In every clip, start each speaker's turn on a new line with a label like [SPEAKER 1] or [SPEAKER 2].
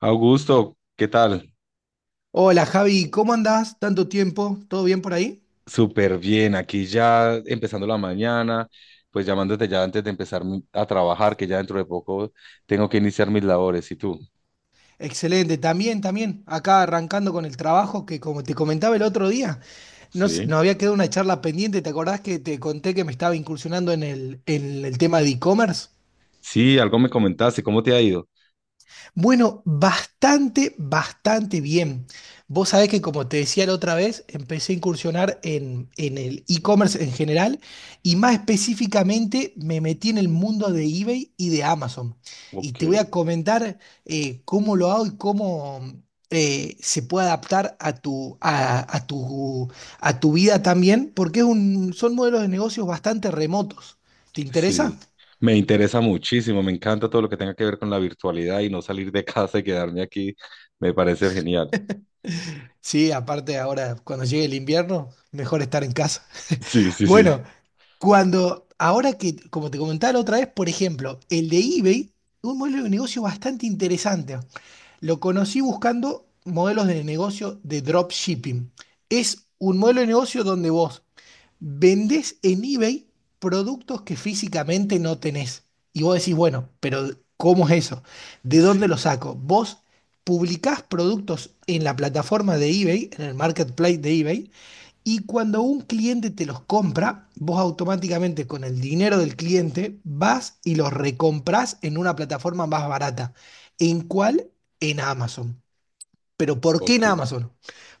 [SPEAKER 1] Augusto, ¿qué tal?
[SPEAKER 2] Hola Javi, ¿cómo andás? ¿Tanto tiempo? ¿Todo bien por ahí?
[SPEAKER 1] Súper bien, aquí ya empezando la mañana, pues llamándote ya antes de empezar a trabajar, que ya dentro de poco tengo que iniciar mis labores. ¿Y tú?
[SPEAKER 2] Excelente, también, también. Acá arrancando con el trabajo que, como te comentaba el otro día, nos,
[SPEAKER 1] Sí,
[SPEAKER 2] nos había quedado una charla pendiente. ¿Te acordás que te conté que me estaba incursionando en el tema de e-commerce?
[SPEAKER 1] sí, algo me comentaste, ¿cómo te ha ido?
[SPEAKER 2] Bueno, bastante, bastante bien. Vos sabés que, como te decía la otra vez, empecé a incursionar en el e-commerce en general, y más específicamente me metí en el mundo de eBay y de Amazon. Y
[SPEAKER 1] Ok.
[SPEAKER 2] te voy a comentar cómo lo hago y cómo se puede adaptar a tu vida también, porque son modelos de negocios bastante remotos. ¿Te interesa?
[SPEAKER 1] Sí, me interesa muchísimo, me encanta todo lo que tenga que ver con la virtualidad y no salir de casa y quedarme aquí, me parece genial.
[SPEAKER 2] Sí, aparte ahora cuando llegue el invierno, mejor estar en casa.
[SPEAKER 1] Sí, sí, sí.
[SPEAKER 2] Bueno, como te comentaba la otra vez, por ejemplo, el de eBay, un modelo de negocio bastante interesante. Lo conocí buscando modelos de negocio de dropshipping. Es un modelo de negocio donde vos vendés en eBay productos que físicamente no tenés. Y vos decís: bueno, pero ¿cómo es eso? ¿De
[SPEAKER 1] Sí,
[SPEAKER 2] dónde lo saco? Vos publicás productos en la plataforma de eBay, en el marketplace de eBay, y cuando un cliente te los compra, vos automáticamente con el dinero del cliente vas y los recompras en una plataforma más barata. ¿En cuál? En Amazon. ¿Pero por qué en
[SPEAKER 1] ok,
[SPEAKER 2] Amazon?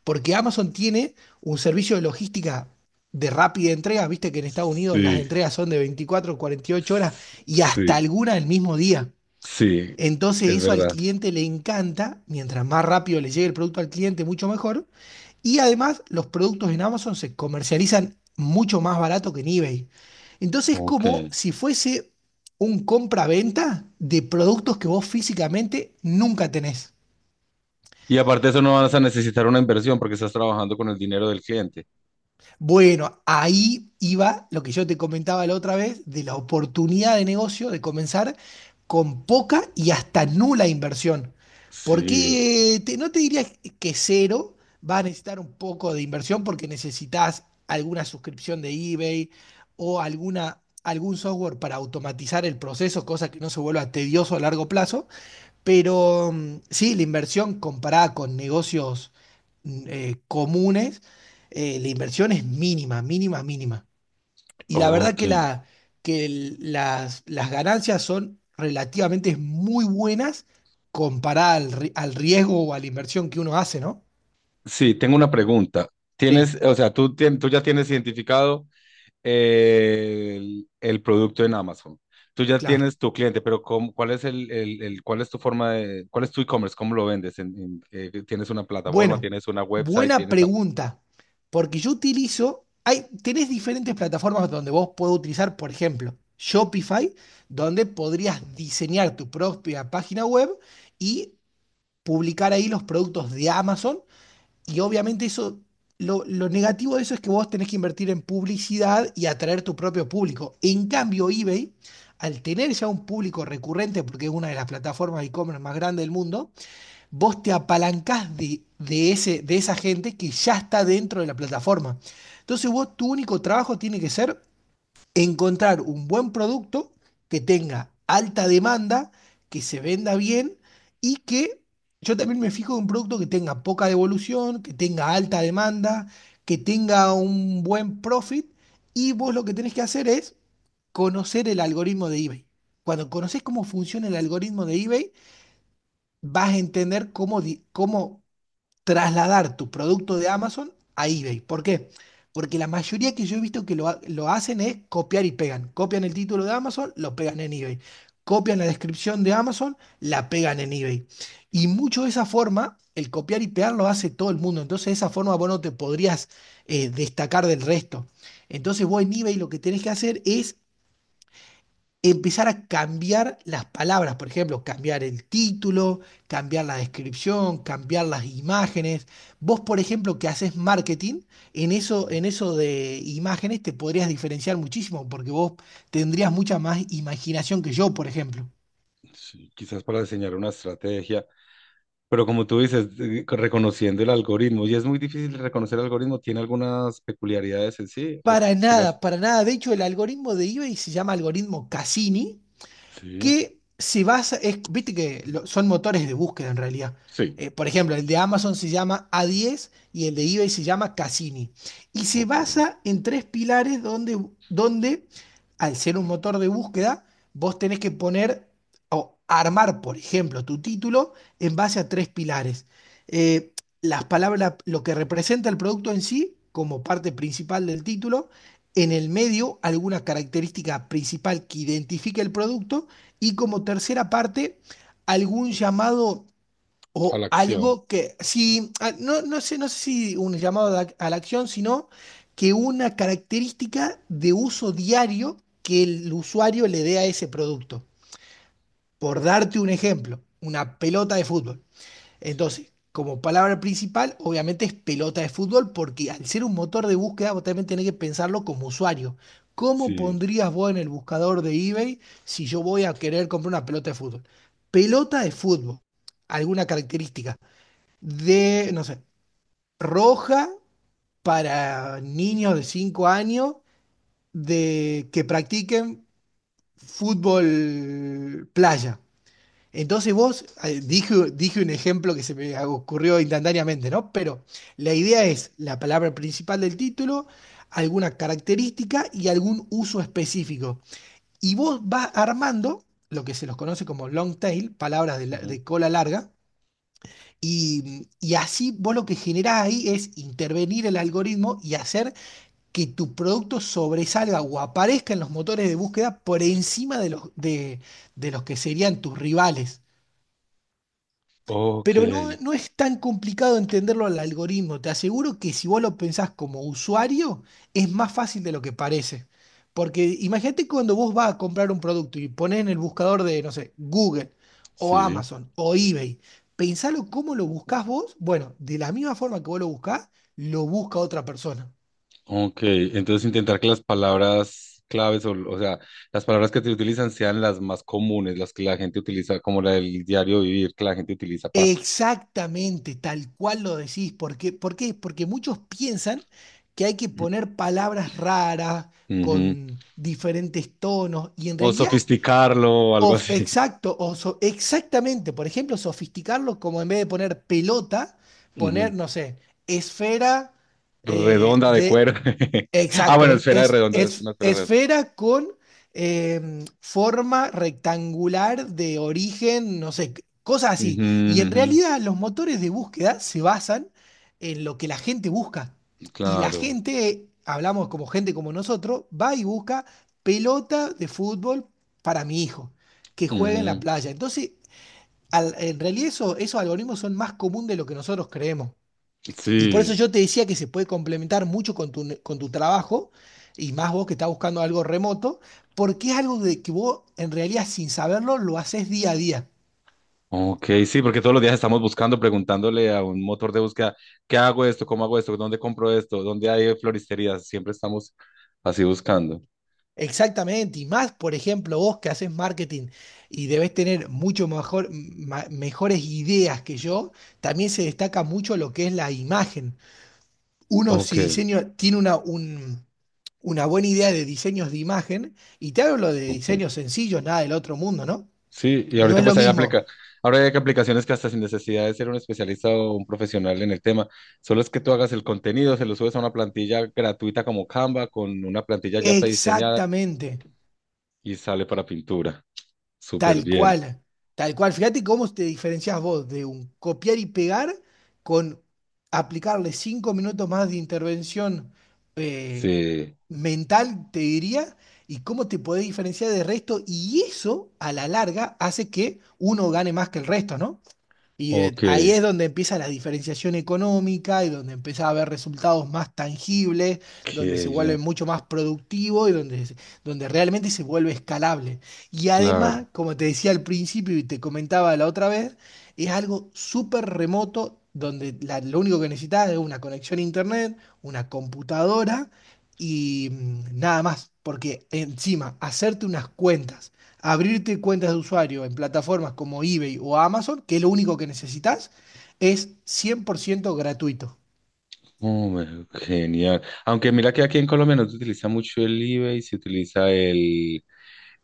[SPEAKER 2] Porque Amazon tiene un servicio de logística de rápida entrega. Viste que en Estados Unidos las
[SPEAKER 1] sí,
[SPEAKER 2] entregas son de 24, 48 horas y hasta
[SPEAKER 1] sí,
[SPEAKER 2] alguna el mismo día.
[SPEAKER 1] sí,
[SPEAKER 2] Entonces
[SPEAKER 1] es
[SPEAKER 2] eso al
[SPEAKER 1] verdad.
[SPEAKER 2] cliente le encanta; mientras más rápido le llegue el producto al cliente, mucho mejor. Y además los productos en Amazon se comercializan mucho más barato que en eBay. Entonces es como
[SPEAKER 1] Ok.
[SPEAKER 2] si fuese un compra-venta de productos que vos físicamente nunca tenés.
[SPEAKER 1] Y aparte de eso no vas a necesitar una inversión porque estás trabajando con el dinero del cliente.
[SPEAKER 2] Bueno, ahí iba lo que yo te comentaba la otra vez, de la oportunidad de negocio de comenzar con poca y hasta nula inversión.
[SPEAKER 1] Sí,
[SPEAKER 2] Porque no te diría que cero, va a necesitar un poco de inversión, porque necesitas alguna suscripción de eBay o algún software para automatizar el proceso, cosa que no se vuelva tedioso a largo plazo. Pero sí, la inversión comparada con negocios comunes, la inversión es mínima, mínima, mínima. Y la verdad
[SPEAKER 1] ok.
[SPEAKER 2] que, la, que el- las ganancias son relativamente muy buenas comparada al riesgo o a la inversión que uno hace, ¿no?
[SPEAKER 1] Sí, tengo una pregunta.
[SPEAKER 2] Sí.
[SPEAKER 1] Tienes, o sea, tú, tú ya tienes identificado el producto en Amazon. Tú ya
[SPEAKER 2] Claro.
[SPEAKER 1] tienes tu cliente, pero ¿ cuál es cuál es tu forma de, cuál es tu e-commerce? ¿Cómo lo vendes? ¿Tienes una plataforma?
[SPEAKER 2] Bueno,
[SPEAKER 1] ¿Tienes una website?
[SPEAKER 2] buena
[SPEAKER 1] ¿Tienes algo?
[SPEAKER 2] pregunta. Porque yo utilizo, tenés diferentes plataformas donde vos podés utilizar, por ejemplo, Shopify, donde podrías diseñar tu propia página web y publicar ahí los productos de Amazon. Y obviamente eso, lo negativo de eso es que vos tenés que invertir en publicidad y atraer tu propio público. En cambio, eBay, al tener ya un público recurrente, porque es una de las plataformas de e-commerce más grandes del mundo, vos te apalancás de esa gente que ya está dentro de la plataforma. Entonces vos, tu único trabajo tiene que ser encontrar un buen producto que tenga alta demanda, que se venda bien, y que... yo también me fijo en un producto que tenga poca devolución, que tenga alta demanda, que tenga un buen profit. Y vos lo que tenés que hacer es conocer el algoritmo de eBay. Cuando conoces cómo funciona el algoritmo de eBay, vas a entender cómo trasladar tu producto de Amazon a eBay. ¿Por qué? Porque la mayoría que yo he visto que lo hacen es copiar y pegan. Copian el título de Amazon, lo pegan en eBay. Copian la descripción de Amazon, la pegan en eBay. Y mucho de esa forma, el copiar y pegar, lo hace todo el mundo. Entonces, de esa forma, vos no te podrías destacar del resto. Entonces, vos en eBay lo que tenés que hacer es empezar a cambiar las palabras; por ejemplo, cambiar el título, cambiar la descripción, cambiar las imágenes. Vos, por ejemplo, que haces marketing, en eso de imágenes te podrías diferenciar muchísimo, porque vos tendrías mucha más imaginación que yo, por ejemplo.
[SPEAKER 1] Sí. Quizás para diseñar una estrategia. Pero como tú dices, reconociendo el algoritmo, y es muy difícil reconocer el algoritmo, ¿tiene algunas peculiaridades en sí? ¿O
[SPEAKER 2] Para
[SPEAKER 1] qué lo hace?
[SPEAKER 2] nada, para nada. De hecho, el algoritmo de eBay se llama algoritmo Cassini,
[SPEAKER 1] Sí,
[SPEAKER 2] que viste que son motores de búsqueda en realidad.
[SPEAKER 1] sí,
[SPEAKER 2] Por ejemplo, el de Amazon se llama A10 y el de eBay se llama Cassini. Y se
[SPEAKER 1] ok,
[SPEAKER 2] basa en tres pilares, donde, donde al ser un motor de búsqueda, vos tenés que poner o armar, por ejemplo, tu título en base a tres pilares. Eh, las palabras, lo que representa el producto en sí, como parte principal del título; en el medio, alguna característica principal que identifique el producto; y como tercera parte, algún llamado,
[SPEAKER 1] a
[SPEAKER 2] o
[SPEAKER 1] la
[SPEAKER 2] algo
[SPEAKER 1] acción.
[SPEAKER 2] que... no, no sé si un llamado a la, acción, sino que una característica de uso diario que el usuario le dé a ese producto. Por darte un ejemplo, una pelota de fútbol.
[SPEAKER 1] Sí,
[SPEAKER 2] Entonces, como palabra principal, obviamente es pelota de fútbol, porque al ser un motor de búsqueda, vos también tenés que pensarlo como usuario. ¿Cómo
[SPEAKER 1] sí,
[SPEAKER 2] pondrías vos en el buscador de eBay si yo voy a querer comprar una pelota de fútbol? Pelota de fútbol, alguna característica de, no sé, roja, para niños de 5 años de que practiquen fútbol playa. Entonces vos, dije un ejemplo que se me ocurrió instantáneamente, ¿no? Pero la idea es la palabra principal del título, alguna característica y algún uso específico. Y vos vas armando lo que se los conoce como long tail, palabras
[SPEAKER 1] sí,
[SPEAKER 2] de cola larga, y así vos lo que generás ahí es intervenir el algoritmo y hacer que tu producto sobresalga o aparezca en los motores de búsqueda por encima de los que serían tus rivales.
[SPEAKER 1] ok,
[SPEAKER 2] Pero no, no es tan complicado entenderlo, al algoritmo. Te aseguro que si vos lo pensás como usuario, es más fácil de lo que parece. Porque imagínate cuando vos vas a comprar un producto y pones en el buscador de, no sé, Google o
[SPEAKER 1] sí,
[SPEAKER 2] Amazon o eBay, pensalo cómo lo buscás vos. Bueno, de la misma forma que vos lo buscás, lo busca otra persona.
[SPEAKER 1] ok. Entonces intentar que las palabras claves, o sea, las palabras que te utilizan sean las más comunes, las que la gente utiliza, como la del diario vivir, que la gente utiliza para...
[SPEAKER 2] Exactamente, tal cual lo decís. ¿Por qué? ¿Por qué? Porque muchos piensan que hay que poner palabras raras, con diferentes tonos, y en
[SPEAKER 1] O
[SPEAKER 2] realidad...
[SPEAKER 1] sofisticarlo o algo así.
[SPEAKER 2] exactamente, por ejemplo, sofisticarlo, como en vez de poner pelota, poner,
[SPEAKER 1] Ujú.
[SPEAKER 2] no sé, esfera.
[SPEAKER 1] Redonda de
[SPEAKER 2] De
[SPEAKER 1] cuero. Ah,
[SPEAKER 2] Exacto,
[SPEAKER 1] bueno, esfera de redonda, es
[SPEAKER 2] es-
[SPEAKER 1] una esfera redonda.
[SPEAKER 2] Esfera con forma rectangular de origen, no sé, cosas así.
[SPEAKER 1] Ujú,
[SPEAKER 2] Y en
[SPEAKER 1] ujú,
[SPEAKER 2] realidad los motores de búsqueda se basan en lo que la gente busca. Y la
[SPEAKER 1] claro.
[SPEAKER 2] gente, hablamos como gente como nosotros, va y busca pelota de fútbol para mi hijo, que juegue en la
[SPEAKER 1] Ujú,
[SPEAKER 2] playa. Entonces, en realidad esos algoritmos son más común de lo que nosotros creemos. Y por eso
[SPEAKER 1] sí.
[SPEAKER 2] yo te decía que se puede complementar mucho con tu trabajo, y más vos que estás buscando algo remoto, porque es algo de que vos en realidad, sin saberlo, lo haces día a día.
[SPEAKER 1] Ok, sí, porque todos los días estamos buscando, preguntándole a un motor de búsqueda, ¿qué hago esto? ¿Cómo hago esto? ¿Dónde compro esto? ¿Dónde hay floristerías? Siempre estamos así buscando.
[SPEAKER 2] Exactamente, y más, por ejemplo, vos que haces marketing y debes tener mucho mejor, mejores ideas que yo. También se destaca mucho lo que es la imagen. Uno,
[SPEAKER 1] Ok,
[SPEAKER 2] si diseño, tiene una buena idea de diseños de imagen, y te hablo de
[SPEAKER 1] ok.
[SPEAKER 2] diseños sencillos, nada del otro mundo, ¿no?
[SPEAKER 1] Sí, y
[SPEAKER 2] No
[SPEAKER 1] ahorita
[SPEAKER 2] es lo
[SPEAKER 1] pues
[SPEAKER 2] mismo.
[SPEAKER 1] ahora hay aplicaciones que hasta sin necesidad de ser un especialista o un profesional en el tema, solo es que tú hagas el contenido, se lo subes a una plantilla gratuita como Canva con una plantilla ya prediseñada
[SPEAKER 2] Exactamente,
[SPEAKER 1] y sale para pintura. Súper
[SPEAKER 2] tal
[SPEAKER 1] bien.
[SPEAKER 2] cual, tal cual. Fíjate cómo te diferencias vos de un copiar y pegar con aplicarle 5 minutos más de intervención eh,
[SPEAKER 1] Sí,
[SPEAKER 2] mental, te diría, y cómo te podés diferenciar del resto. Y eso, a la larga, hace que uno gane más que el resto, ¿no? Y
[SPEAKER 1] ok,
[SPEAKER 2] ahí es donde empieza la diferenciación económica, y donde empieza a haber resultados más tangibles, donde
[SPEAKER 1] qué
[SPEAKER 2] se vuelve
[SPEAKER 1] bien,
[SPEAKER 2] mucho más productivo y donde realmente se vuelve escalable. Y
[SPEAKER 1] claro.
[SPEAKER 2] además, como te decía al principio y te comentaba la otra vez, es algo súper remoto, donde lo único que necesitas es una conexión a internet, una computadora y nada más. Porque, encima, hacerte unas cuentas, abrirte cuentas de usuario en plataformas como eBay o Amazon, que es lo único que necesitas, es 100% gratuito.
[SPEAKER 1] Hombre, genial. Aunque mira que aquí en Colombia no se utiliza mucho el eBay, se utiliza el,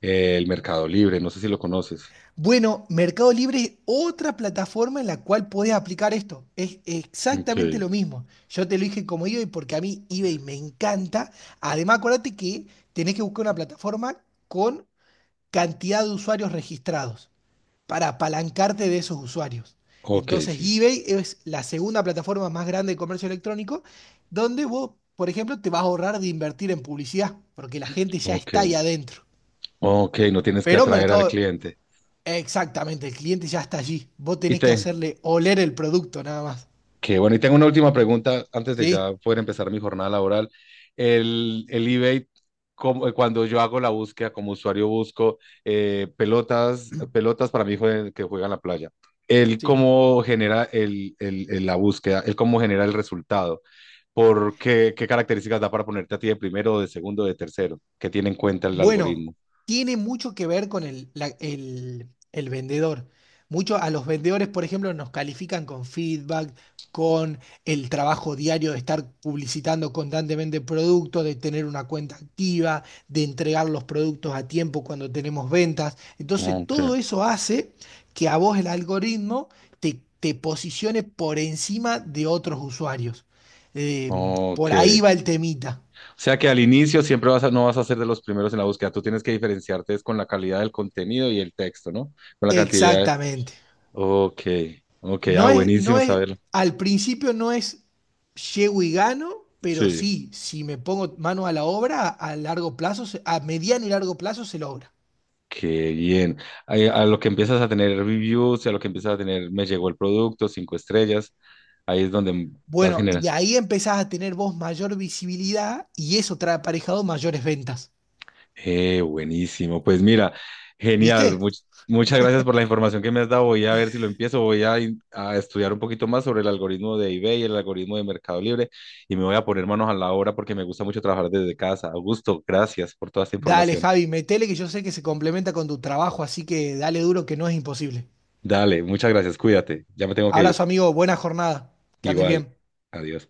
[SPEAKER 1] el Mercado Libre, no sé si lo conoces.
[SPEAKER 2] Bueno, Mercado Libre es otra plataforma en la cual podés aplicar esto. Es
[SPEAKER 1] Ok,
[SPEAKER 2] exactamente lo mismo. Yo te lo dije como eBay porque a mí eBay me encanta. Además, acuérdate que tenés que buscar una plataforma con cantidad de usuarios registrados, para apalancarte de esos usuarios.
[SPEAKER 1] ok,
[SPEAKER 2] Entonces,
[SPEAKER 1] sí,
[SPEAKER 2] eBay es la segunda plataforma más grande de comercio electrónico, donde vos, por ejemplo, te vas a ahorrar de invertir en publicidad, porque la gente ya
[SPEAKER 1] ok.
[SPEAKER 2] está ahí adentro.
[SPEAKER 1] Ok, no tienes que
[SPEAKER 2] Pero
[SPEAKER 1] atraer al
[SPEAKER 2] mercado,
[SPEAKER 1] cliente.
[SPEAKER 2] exactamente, el cliente ya está allí. Vos
[SPEAKER 1] Y
[SPEAKER 2] tenés que
[SPEAKER 1] te,
[SPEAKER 2] hacerle oler el producto, nada más.
[SPEAKER 1] que bueno, y tengo una última pregunta antes de
[SPEAKER 2] ¿Sí?
[SPEAKER 1] ya poder empezar mi jornada laboral. El eBay, cuando yo hago la búsqueda como usuario, busco pelotas, pelotas para mi hijo que juega en la playa. Él
[SPEAKER 2] Sí.
[SPEAKER 1] cómo genera la búsqueda, él cómo genera el resultado, por qué, qué características da para ponerte a ti de primero, de segundo, de tercero, que tiene en cuenta el
[SPEAKER 2] Bueno,
[SPEAKER 1] algoritmo.
[SPEAKER 2] tiene mucho que ver con el vendedor. Mucho a los vendedores, por ejemplo, nos califican con feedback, con el trabajo diario de estar publicitando constantemente productos, de tener una cuenta activa, de entregar los productos a tiempo cuando tenemos ventas. Entonces,
[SPEAKER 1] Ok,
[SPEAKER 2] todo eso hace que a vos el algoritmo te posicione por encima de otros usuarios. Eh,
[SPEAKER 1] ok.
[SPEAKER 2] por ahí va el temita.
[SPEAKER 1] O sea que al inicio siempre no vas a ser de los primeros en la búsqueda. Tú tienes que diferenciarte es con la calidad del contenido y el texto, ¿no? Con la cantidad de...
[SPEAKER 2] Exactamente.
[SPEAKER 1] Ok, ok, ah,
[SPEAKER 2] No es, no
[SPEAKER 1] buenísimo
[SPEAKER 2] es,
[SPEAKER 1] saberlo.
[SPEAKER 2] al principio no es llego y gano, pero
[SPEAKER 1] Sí,
[SPEAKER 2] sí, si me pongo mano a la obra, a largo plazo, a mediano y largo plazo, se logra.
[SPEAKER 1] qué bien. A lo que empiezas a tener reviews, a lo que empiezas a tener, me llegó el producto, cinco estrellas, ahí es donde vas
[SPEAKER 2] Bueno, y
[SPEAKER 1] generando.
[SPEAKER 2] ahí empezás a tener vos mayor visibilidad, y eso trae aparejado mayores ventas.
[SPEAKER 1] Buenísimo. Pues mira, genial.
[SPEAKER 2] ¿Viste?
[SPEAKER 1] Muchas gracias por la información que me has dado. Voy a ver si lo empiezo. Voy a estudiar un poquito más sobre el algoritmo de eBay, y el algoritmo de Mercado Libre y me voy a poner manos a la obra porque me gusta mucho trabajar desde casa. Augusto, gracias por toda esta
[SPEAKER 2] Dale,
[SPEAKER 1] información.
[SPEAKER 2] Javi, metele, que yo sé que se complementa con tu trabajo, así que dale duro, que no es imposible.
[SPEAKER 1] Dale, muchas gracias. Cuídate. Ya me tengo que ir.
[SPEAKER 2] Abrazo, amigo, buena jornada. Que andes
[SPEAKER 1] Igual.
[SPEAKER 2] bien.
[SPEAKER 1] Adiós.